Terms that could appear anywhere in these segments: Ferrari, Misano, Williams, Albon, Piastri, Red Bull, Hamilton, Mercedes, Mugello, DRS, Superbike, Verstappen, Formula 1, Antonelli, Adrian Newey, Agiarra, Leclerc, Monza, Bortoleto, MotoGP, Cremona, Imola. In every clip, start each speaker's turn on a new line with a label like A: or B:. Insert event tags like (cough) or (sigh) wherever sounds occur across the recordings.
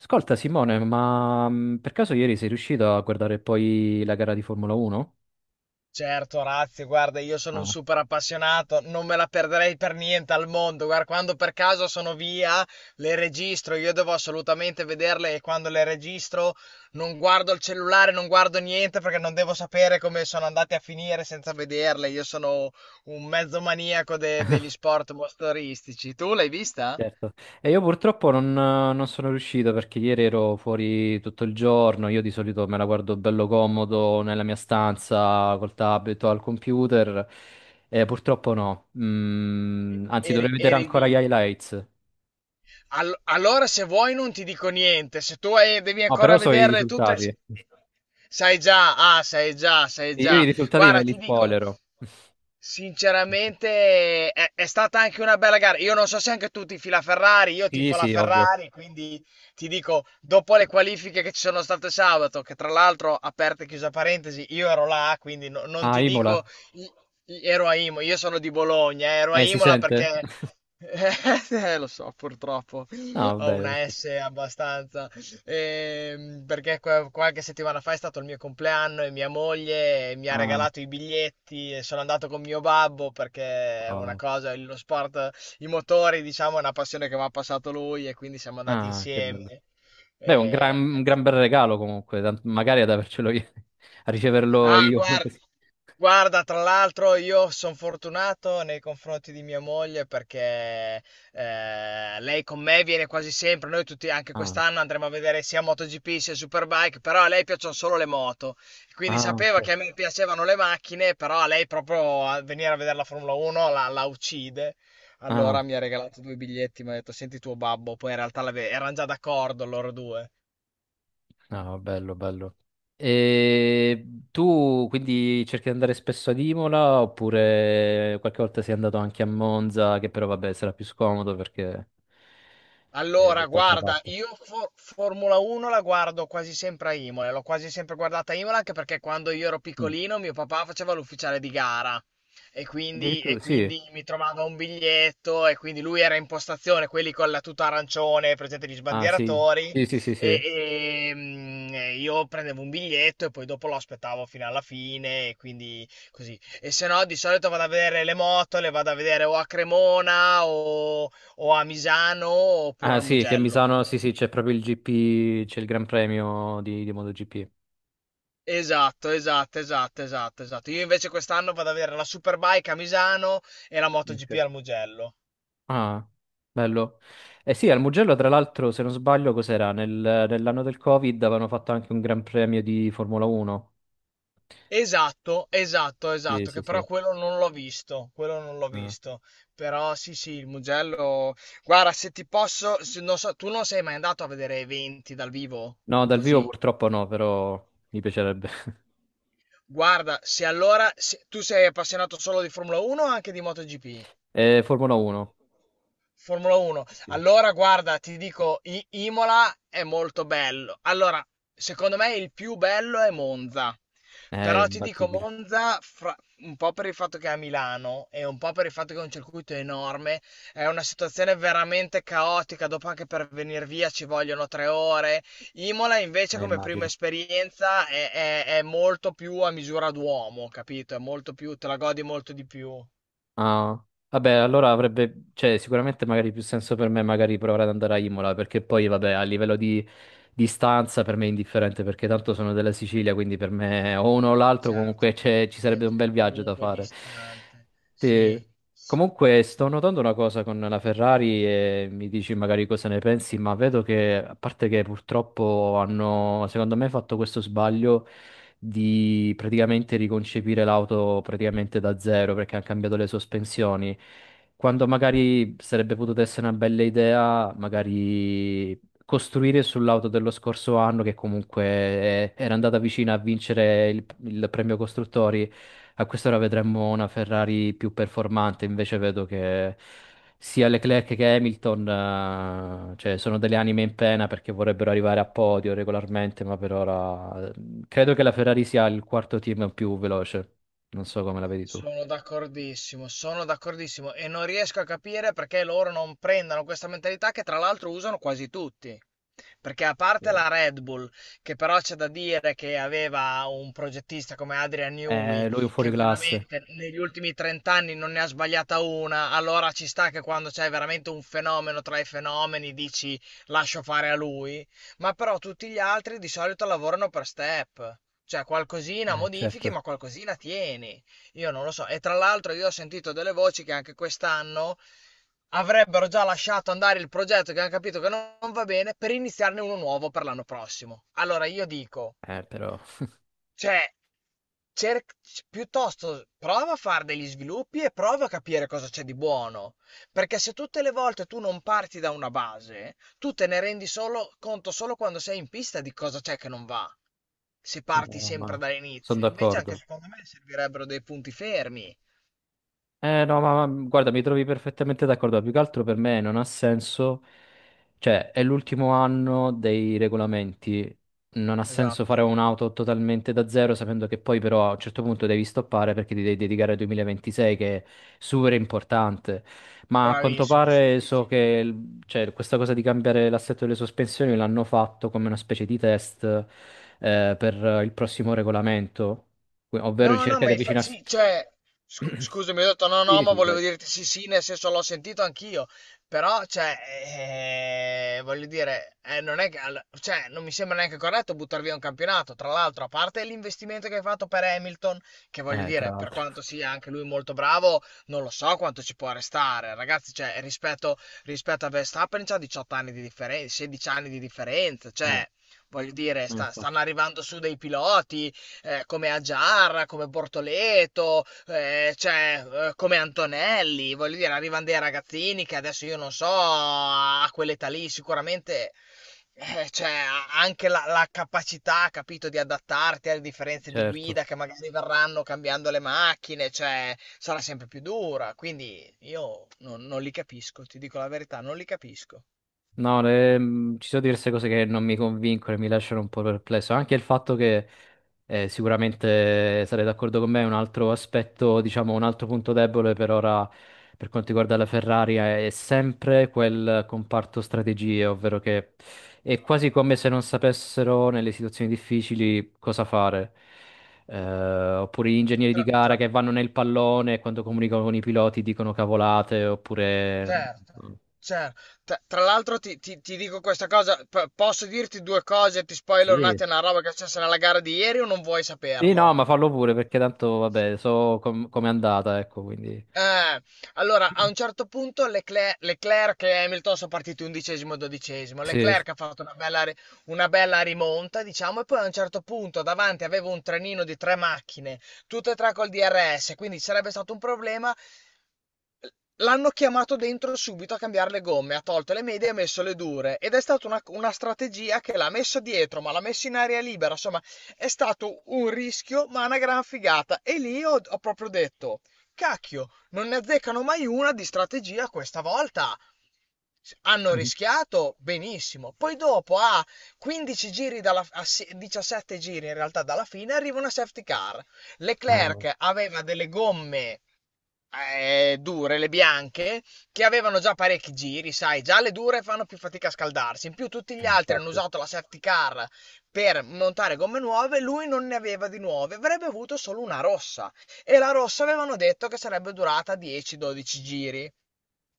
A: Ascolta Simone, ma per caso ieri sei riuscito a guardare poi la gara di Formula 1?
B: Certo, Razzi, guarda, io sono un
A: Ah,
B: super appassionato, non me la perderei per niente al mondo. Guarda, quando per caso sono via, le registro. Io devo assolutamente vederle, e quando le registro non guardo il cellulare, non guardo niente perché non devo sapere come sono andate a finire senza vederle. Io sono un mezzo maniaco degli sport motoristici. Tu l'hai vista?
A: certo. E io purtroppo non sono riuscito perché ieri ero fuori tutto il giorno, io di solito me la guardo bello comodo nella mia stanza col tablet o al computer, e purtroppo no.
B: E-
A: Anzi,
B: Eri,
A: dovrei vedere
B: eri
A: ancora
B: lì.
A: gli highlights.
B: Allora, se vuoi, non ti dico niente. Se tu hai- Devi
A: No,
B: ancora
A: però so i
B: vederle tutte,
A: risultati.
B: sai già, ah, sai già, sai
A: Io i
B: già.
A: risultati me
B: Guarda,
A: li
B: ti dico,
A: spoilero.
B: sinceramente, è stata anche una bella gara. Io non so se anche tu tifi la Ferrari, io
A: Sì,
B: tifo la
A: sì, ovvio.
B: Ferrari, quindi ti dico, dopo le qualifiche che ci sono state sabato, che tra l'altro, aperta e chiusa parentesi, io ero là, quindi non
A: Ah,
B: ti dico.
A: Imola.
B: Ero a Imola, io sono di Bologna, ero a
A: Si
B: Imola
A: sente?
B: perché...
A: (laughs)
B: (laughs) Lo so, purtroppo
A: No,
B: ho
A: vabbè,
B: una
A: perché...
B: S abbastanza. Perché qualche settimana fa è stato il mio compleanno e mia moglie mi ha
A: Ah.
B: regalato i biglietti e sono andato con mio babbo perché è una
A: Wow.
B: cosa, lo sport, i motori, diciamo, è una passione che mi ha passato lui e quindi siamo andati
A: Ah, che
B: insieme.
A: bello. Beh, un gran,
B: E
A: un gran bel regalo comunque, magari ad avercelo io, (laughs) a riceverlo
B: Ah,
A: io. (laughs) non
B: guarda,
A: che si-
B: tra l'altro io sono fortunato nei confronti di mia moglie perché lei con me viene quasi sempre. Noi tutti anche
A: Ah,
B: quest'anno andremo a vedere sia MotoGP sia Superbike, però a lei piacciono solo le moto, quindi
A: ah,
B: sapeva
A: ok.
B: che a me piacevano le macchine, però a lei proprio a venire a vedere la Formula 1 la uccide. Allora
A: Ah,
B: mi ha regalato due biglietti, mi ha detto senti tuo babbo, poi in realtà erano già d'accordo loro due.
A: no, bello, bello. E tu quindi cerchi di andare spesso ad Imola oppure qualche volta sei andato anche a Monza, che però vabbè sarà più scomodo perché è da
B: Allora,
A: tutt'altra
B: guarda,
A: parte.
B: io Formula 1 la guardo quasi sempre a Imola, l'ho quasi sempre guardata a Imola anche perché quando io ero
A: Mm.
B: piccolino mio papà faceva l'ufficiale di gara, e quindi, e
A: Addirittura, sì.
B: quindi mi trovava un biglietto, e quindi lui era in postazione, quelli con la tuta arancione, presente gli
A: Ah, sì.
B: sbandieratori,
A: Sì, sì, sì, sì.
B: e io prendevo un biglietto e poi dopo lo aspettavo fino alla fine, e quindi così. E se no di solito vado a vedere le moto, le vado a vedere o a Cremona o a Misano oppure
A: Ah
B: al
A: sì, che a
B: Mugello.
A: Misano, sì sì, c'è proprio il GP, c'è il Gran Premio di MotoGP.
B: Esatto, esatto, esatto, esatto, esatto. Io invece quest'anno vado ad avere la Superbike a Misano e la MotoGP
A: Ok.
B: al Mugello.
A: Ah, bello. Eh sì, al Mugello tra l'altro, se non sbaglio, cos'era? Nell'anno del Covid avevano fatto anche un Gran Premio di Formula 1.
B: Esatto, esatto,
A: Sì,
B: esatto,
A: sì,
B: che
A: sì.
B: però quello non l'ho visto, quello non l'ho
A: Ah.
B: visto. Però sì, sì, il Mugello. Guarda, se ti posso, non so, tu non sei mai andato a vedere eventi dal vivo?
A: No, dal vivo
B: Così.
A: purtroppo no, però mi piacerebbe. (laughs)
B: Guarda, se allora se- tu sei appassionato solo di Formula 1 o anche di MotoGP?
A: Formula 1.
B: Formula 1.
A: Sì,
B: Allora, guarda, ti dico, Imola è molto bello. Allora, secondo me il più bello è Monza.
A: è
B: Però ti dico
A: imbattibile.
B: Monza, un po' per il fatto che è a Milano e un po' per il fatto che è un circuito enorme, è una situazione veramente caotica. Dopo anche per venire via ci vogliono 3 ore. Imola invece
A: Eh,
B: come prima
A: immagino.
B: esperienza è molto più a misura d'uomo, capito? È molto più, te la godi molto di più.
A: Ah, vabbè, allora avrebbe, cioè, sicuramente magari più senso per me magari provare ad andare a Imola, perché poi, vabbè, a livello di distanza per me è indifferente, perché tanto sono della Sicilia, quindi per me o uno o l'altro
B: Certo,
A: comunque c'è- ci
B: è
A: sarebbe un bel
B: è
A: viaggio da
B: comunque
A: fare.
B: distante.
A: Sì.
B: Sì, sì.
A: Comunque sto notando una cosa con la Ferrari e mi dici magari cosa ne pensi, ma vedo che, a parte che purtroppo hanno, secondo me, fatto questo sbaglio di praticamente riconcepire l'auto praticamente da zero perché hanno cambiato le sospensioni. Quando magari sarebbe potuta essere una bella idea, magari costruire sull'auto dello scorso anno che comunque era andata vicina a vincere il premio costruttori a quest'ora vedremmo una Ferrari più performante, invece vedo che sia Leclerc che Hamilton, cioè, sono delle anime in pena perché vorrebbero arrivare a podio regolarmente, ma per ora credo che la Ferrari sia il quarto team più veloce. Non so come la vedi tu.
B: Sono d'accordissimo e non riesco a capire perché loro non prendano questa mentalità che tra l'altro usano quasi tutti. Perché a parte
A: Eh,
B: la Red Bull, che però c'è da dire che aveva un progettista come Adrian Newey,
A: Lui è un
B: che
A: fuoriclasse,
B: veramente negli ultimi 30 anni non ne ha sbagliata una, allora ci sta che quando c'è veramente un fenomeno tra i fenomeni dici lascio fare a lui, ma però tutti gli altri di solito lavorano per step, cioè qualcosina modifichi
A: certo,
B: ma qualcosina tieni. Io non lo so. E tra l'altro io ho sentito delle voci che anche quest'anno avrebbero già lasciato andare il progetto, che hanno capito che non va bene, per iniziarne uno nuovo per l'anno prossimo. Allora io dico,
A: però,
B: cioè, cer- piuttosto prova a fare degli sviluppi e prova a capire cosa c'è di buono. Perché se tutte le volte tu non parti da una base, tu te ne rendi solo, conto solo quando sei in pista di cosa c'è che non va. Se parti
A: no,
B: sempre
A: ma sono
B: dall'inizio, invece, anche
A: d'accordo.
B: secondo me servirebbero dei punti fermi.
A: Eh no, guarda, mi trovi perfettamente d'accordo. Più che altro per me non ha senso, cioè è l'ultimo anno dei regolamenti. Non ha senso fare
B: Esatto,
A: un'auto totalmente da zero sapendo che poi però a un certo punto devi stoppare perché ti devi dedicare al 2026 che è super importante. Ma a quanto
B: bravissimo, sì,
A: pare
B: sì, sì.
A: so che cioè, questa cosa di cambiare l'assetto delle sospensioni l'hanno fatto come una specie di test per il prossimo regolamento, ovvero
B: No, no,
A: cerca
B: ma
A: di avvicinarsi.
B: sì, cioè, scusami, ho detto no, no,
A: Sì,
B: ma
A: sì,
B: volevo
A: poi.
B: dirti sì, sì, nel senso l'ho sentito anch'io, però, cioè, voglio dire, non è che, cioè, non mi sembra neanche corretto buttare via un campionato, tra l'altro, a parte l'investimento che hai fatto per Hamilton, che voglio
A: Tra
B: dire, per
A: l'altro.
B: quanto sia anche lui molto bravo, non lo so quanto ci può restare, ragazzi, cioè, rispetto a Verstappen c'ha 18 anni di differenza, 16 anni di differenza,
A: Eh,
B: cioè... Voglio dire,
A: eh,
B: stanno
A: infatti,
B: arrivando su dei piloti, come Agiarra, come Bortoleto, cioè, come Antonelli, voglio dire, arrivano dei ragazzini che adesso io non so, a quell'età lì sicuramente cioè, anche la capacità, capito, di adattarti alle differenze di
A: certo.
B: guida che magari verranno cambiando le macchine, cioè, sarà sempre più dura. Quindi io non li capisco, ti dico la verità, non li capisco.
A: No, ci sono diverse cose che non mi convincono e mi lasciano un po' perplesso. Anche il fatto che sicuramente sarei d'accordo con me, un altro aspetto, diciamo, un altro punto debole per ora per quanto riguarda la Ferrari è sempre quel comparto strategie, ovvero che è
B: Mamma
A: quasi come
B: mia.
A: se non sapessero nelle situazioni difficili cosa fare. Oppure gli ingegneri di
B: Tra,
A: gara
B: tra-
A: che vanno nel pallone e quando comunicano con i piloti dicono cavolate, oppure...
B: Certo, cer T tra l'altro ti dico questa cosa, p posso dirti 2 cose, ti spoilero un
A: Sì,
B: attimo una roba che è successa nella gara di ieri, o non vuoi
A: sì, no,
B: saperlo?
A: ma fallo pure perché tanto, vabbè, so com'è andata, ecco, quindi...
B: Eh, allora a un certo punto Leclerc e Hamilton sono partiti 11° e 12°.
A: Sì, sì.
B: Leclerc ha fatto una bella rimonta, diciamo, e poi a un certo punto davanti aveva un trenino di 3 macchine, tutte e 3 col DRS, quindi ci sarebbe stato un problema. L'hanno chiamato dentro subito a cambiare le gomme, ha tolto le medie e ha messo le dure, ed è stata una strategia che l'ha messo dietro, ma l'ha messo in aria libera, insomma è stato un rischio ma una gran figata, e lì ho, ho proprio detto, cacchio, non ne azzeccano mai una di strategia questa volta. Hanno rischiato benissimo, poi dopo a 15 giri dalla, 17 giri in realtà dalla fine arriva una safety car. Leclerc
A: (laughs)
B: aveva delle gomme dure, le bianche, che avevano già parecchi giri, sai, già le dure fanno più fatica a scaldarsi. In più tutti gli altri hanno
A: Infatti.
B: usato la safety car per montare gomme nuove, lui non ne aveva di nuove, avrebbe avuto solo una rossa. E la rossa avevano detto che sarebbe durata 10-12 giri.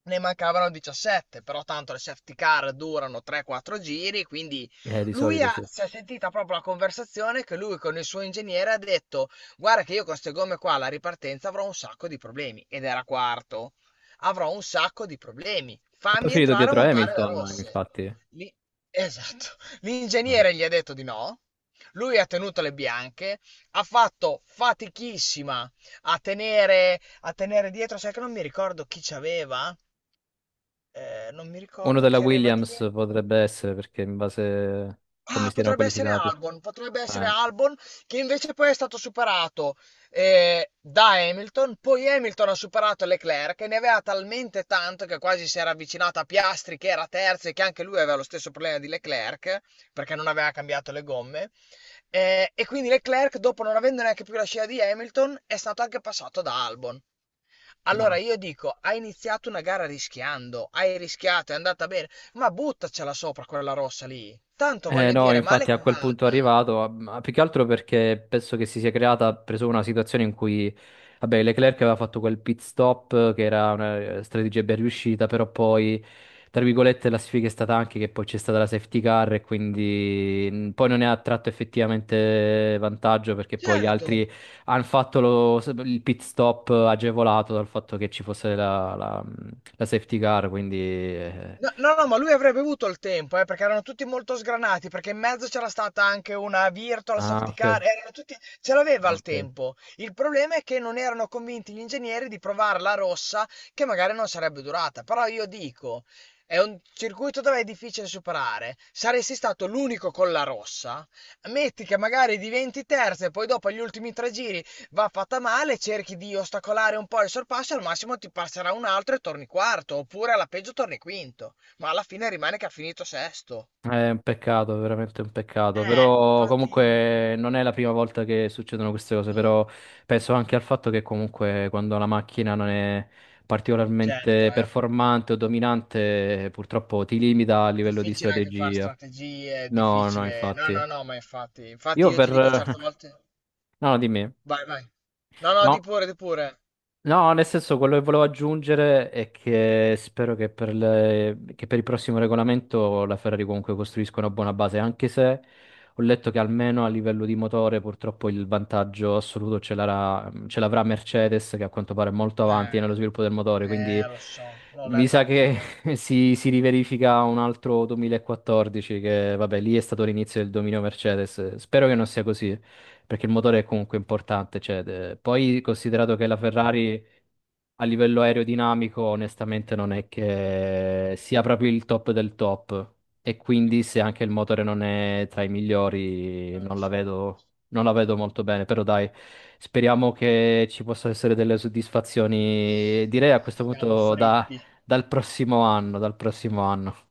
B: Ne mancavano 17, però tanto le safety car durano 3-4 giri, quindi
A: Di solito sì. E
B: si è sentita proprio la conversazione, che lui con il suo ingegnere ha detto: Guarda, che io con queste gomme qua alla ripartenza avrò un sacco di problemi. Ed era quarto, avrò un sacco di problemi.
A: poi è
B: Fammi
A: finito
B: entrare a
A: dietro
B: montare le
A: Hamilton,
B: rosse.
A: infatti.
B: Lì- Esatto.
A: Vabbè.
B: L'ingegnere gli ha detto di no. Lui ha tenuto le bianche, ha fatto fatichissima a tenere dietro, sai che non mi ricordo chi c'aveva? Non mi
A: Uno
B: ricordo
A: della
B: chi aveva
A: Williams
B: dietro.
A: potrebbe essere perché in base a come
B: Ah,
A: si erano
B: potrebbe essere
A: qualificati.
B: Albon, potrebbe essere
A: Eh,
B: Albon, che invece poi è stato superato da Hamilton, poi Hamilton ha superato Leclerc e ne aveva talmente tanto che quasi si era avvicinato a Piastri, che era terzo e che anche lui aveva lo stesso problema di Leclerc perché non aveva cambiato le gomme. E quindi Leclerc, dopo non avendo neanche più la scia di Hamilton, è stato anche passato da Albon. Allora
A: no.
B: io dico, hai iniziato una gara rischiando, hai rischiato, è andata bene. Ma buttacela sopra quella rossa lì. Tanto voglio
A: No,
B: dire, male
A: infatti a
B: che
A: quel punto è
B: vada.
A: arrivato, ah, ma più che altro perché penso che si sia creata preso una situazione in cui, vabbè, Leclerc aveva fatto quel pit stop che era una strategia ben riuscita, però poi, tra virgolette, la sfiga è stata anche che poi c'è stata la safety car e quindi poi non ne ha tratto effettivamente vantaggio perché poi gli
B: Certo.
A: altri hanno fatto il pit stop agevolato dal fatto che ci fosse la safety car, quindi...
B: No, no, no, ma lui avrebbe avuto il tempo, perché erano tutti molto sgranati, perché in mezzo c'era stata anche una virtual
A: Ah,
B: safety
A: ok.
B: car, erano tutti... ce l'aveva
A: Ah,
B: il
A: ok.
B: tempo. Il problema è che non erano convinti gli ingegneri di provare la rossa, che magari non sarebbe durata. Però io dico, è un circuito dove è difficile superare. Saresti stato l'unico con la rossa. Metti che magari diventi terzo e poi dopo agli ultimi 3 giri va fatta male, cerchi di ostacolare un po' il sorpasso e al massimo ti passerà un altro e torni quarto, oppure alla peggio torni quinto, ma alla fine rimane che ha finito sesto.
A: È un peccato, veramente un peccato, però
B: Infatti,
A: comunque non è la prima volta che succedono queste cose,
B: no,
A: però penso anche al fatto che comunque quando la macchina non è
B: certo,
A: particolarmente
B: è
A: performante o dominante, purtroppo ti limita a livello di
B: difficile anche fare
A: strategia.
B: strategie, è
A: No, no,
B: difficile... No,
A: infatti.
B: no, no, ma infatti, infatti
A: Io
B: io ti
A: per...
B: dico certe
A: (laughs)
B: volte...
A: No, dimmi.
B: Vai, vai. No, no,
A: No.
B: di pure, di pure.
A: No, nel senso, quello che volevo aggiungere è che spero che per, che per il prossimo regolamento la Ferrari comunque costruisca una buona base, anche se ho letto che almeno a livello di motore purtroppo il vantaggio assoluto ce l'avrà Mercedes, che a quanto pare è molto avanti
B: Eh,
A: nello sviluppo del motore, quindi
B: lo so, l'ho
A: mi
B: letto
A: sa che
B: anch'io,
A: (laughs) si riverifica un altro 2014, che vabbè, lì è stato l'inizio del dominio Mercedes. Spero che non sia così perché il motore è comunque importante. Cioè, poi considerato che la Ferrari a livello aerodinamico, onestamente, non è che sia proprio il top del top. E quindi, se anche il motore non è tra i migliori,
B: lo so.
A: non la vedo molto bene. Però, dai, speriamo che ci possano essere delle soddisfazioni. Direi a questo
B: Siamo
A: punto
B: fritti.
A: dal prossimo anno, dal prossimo anno.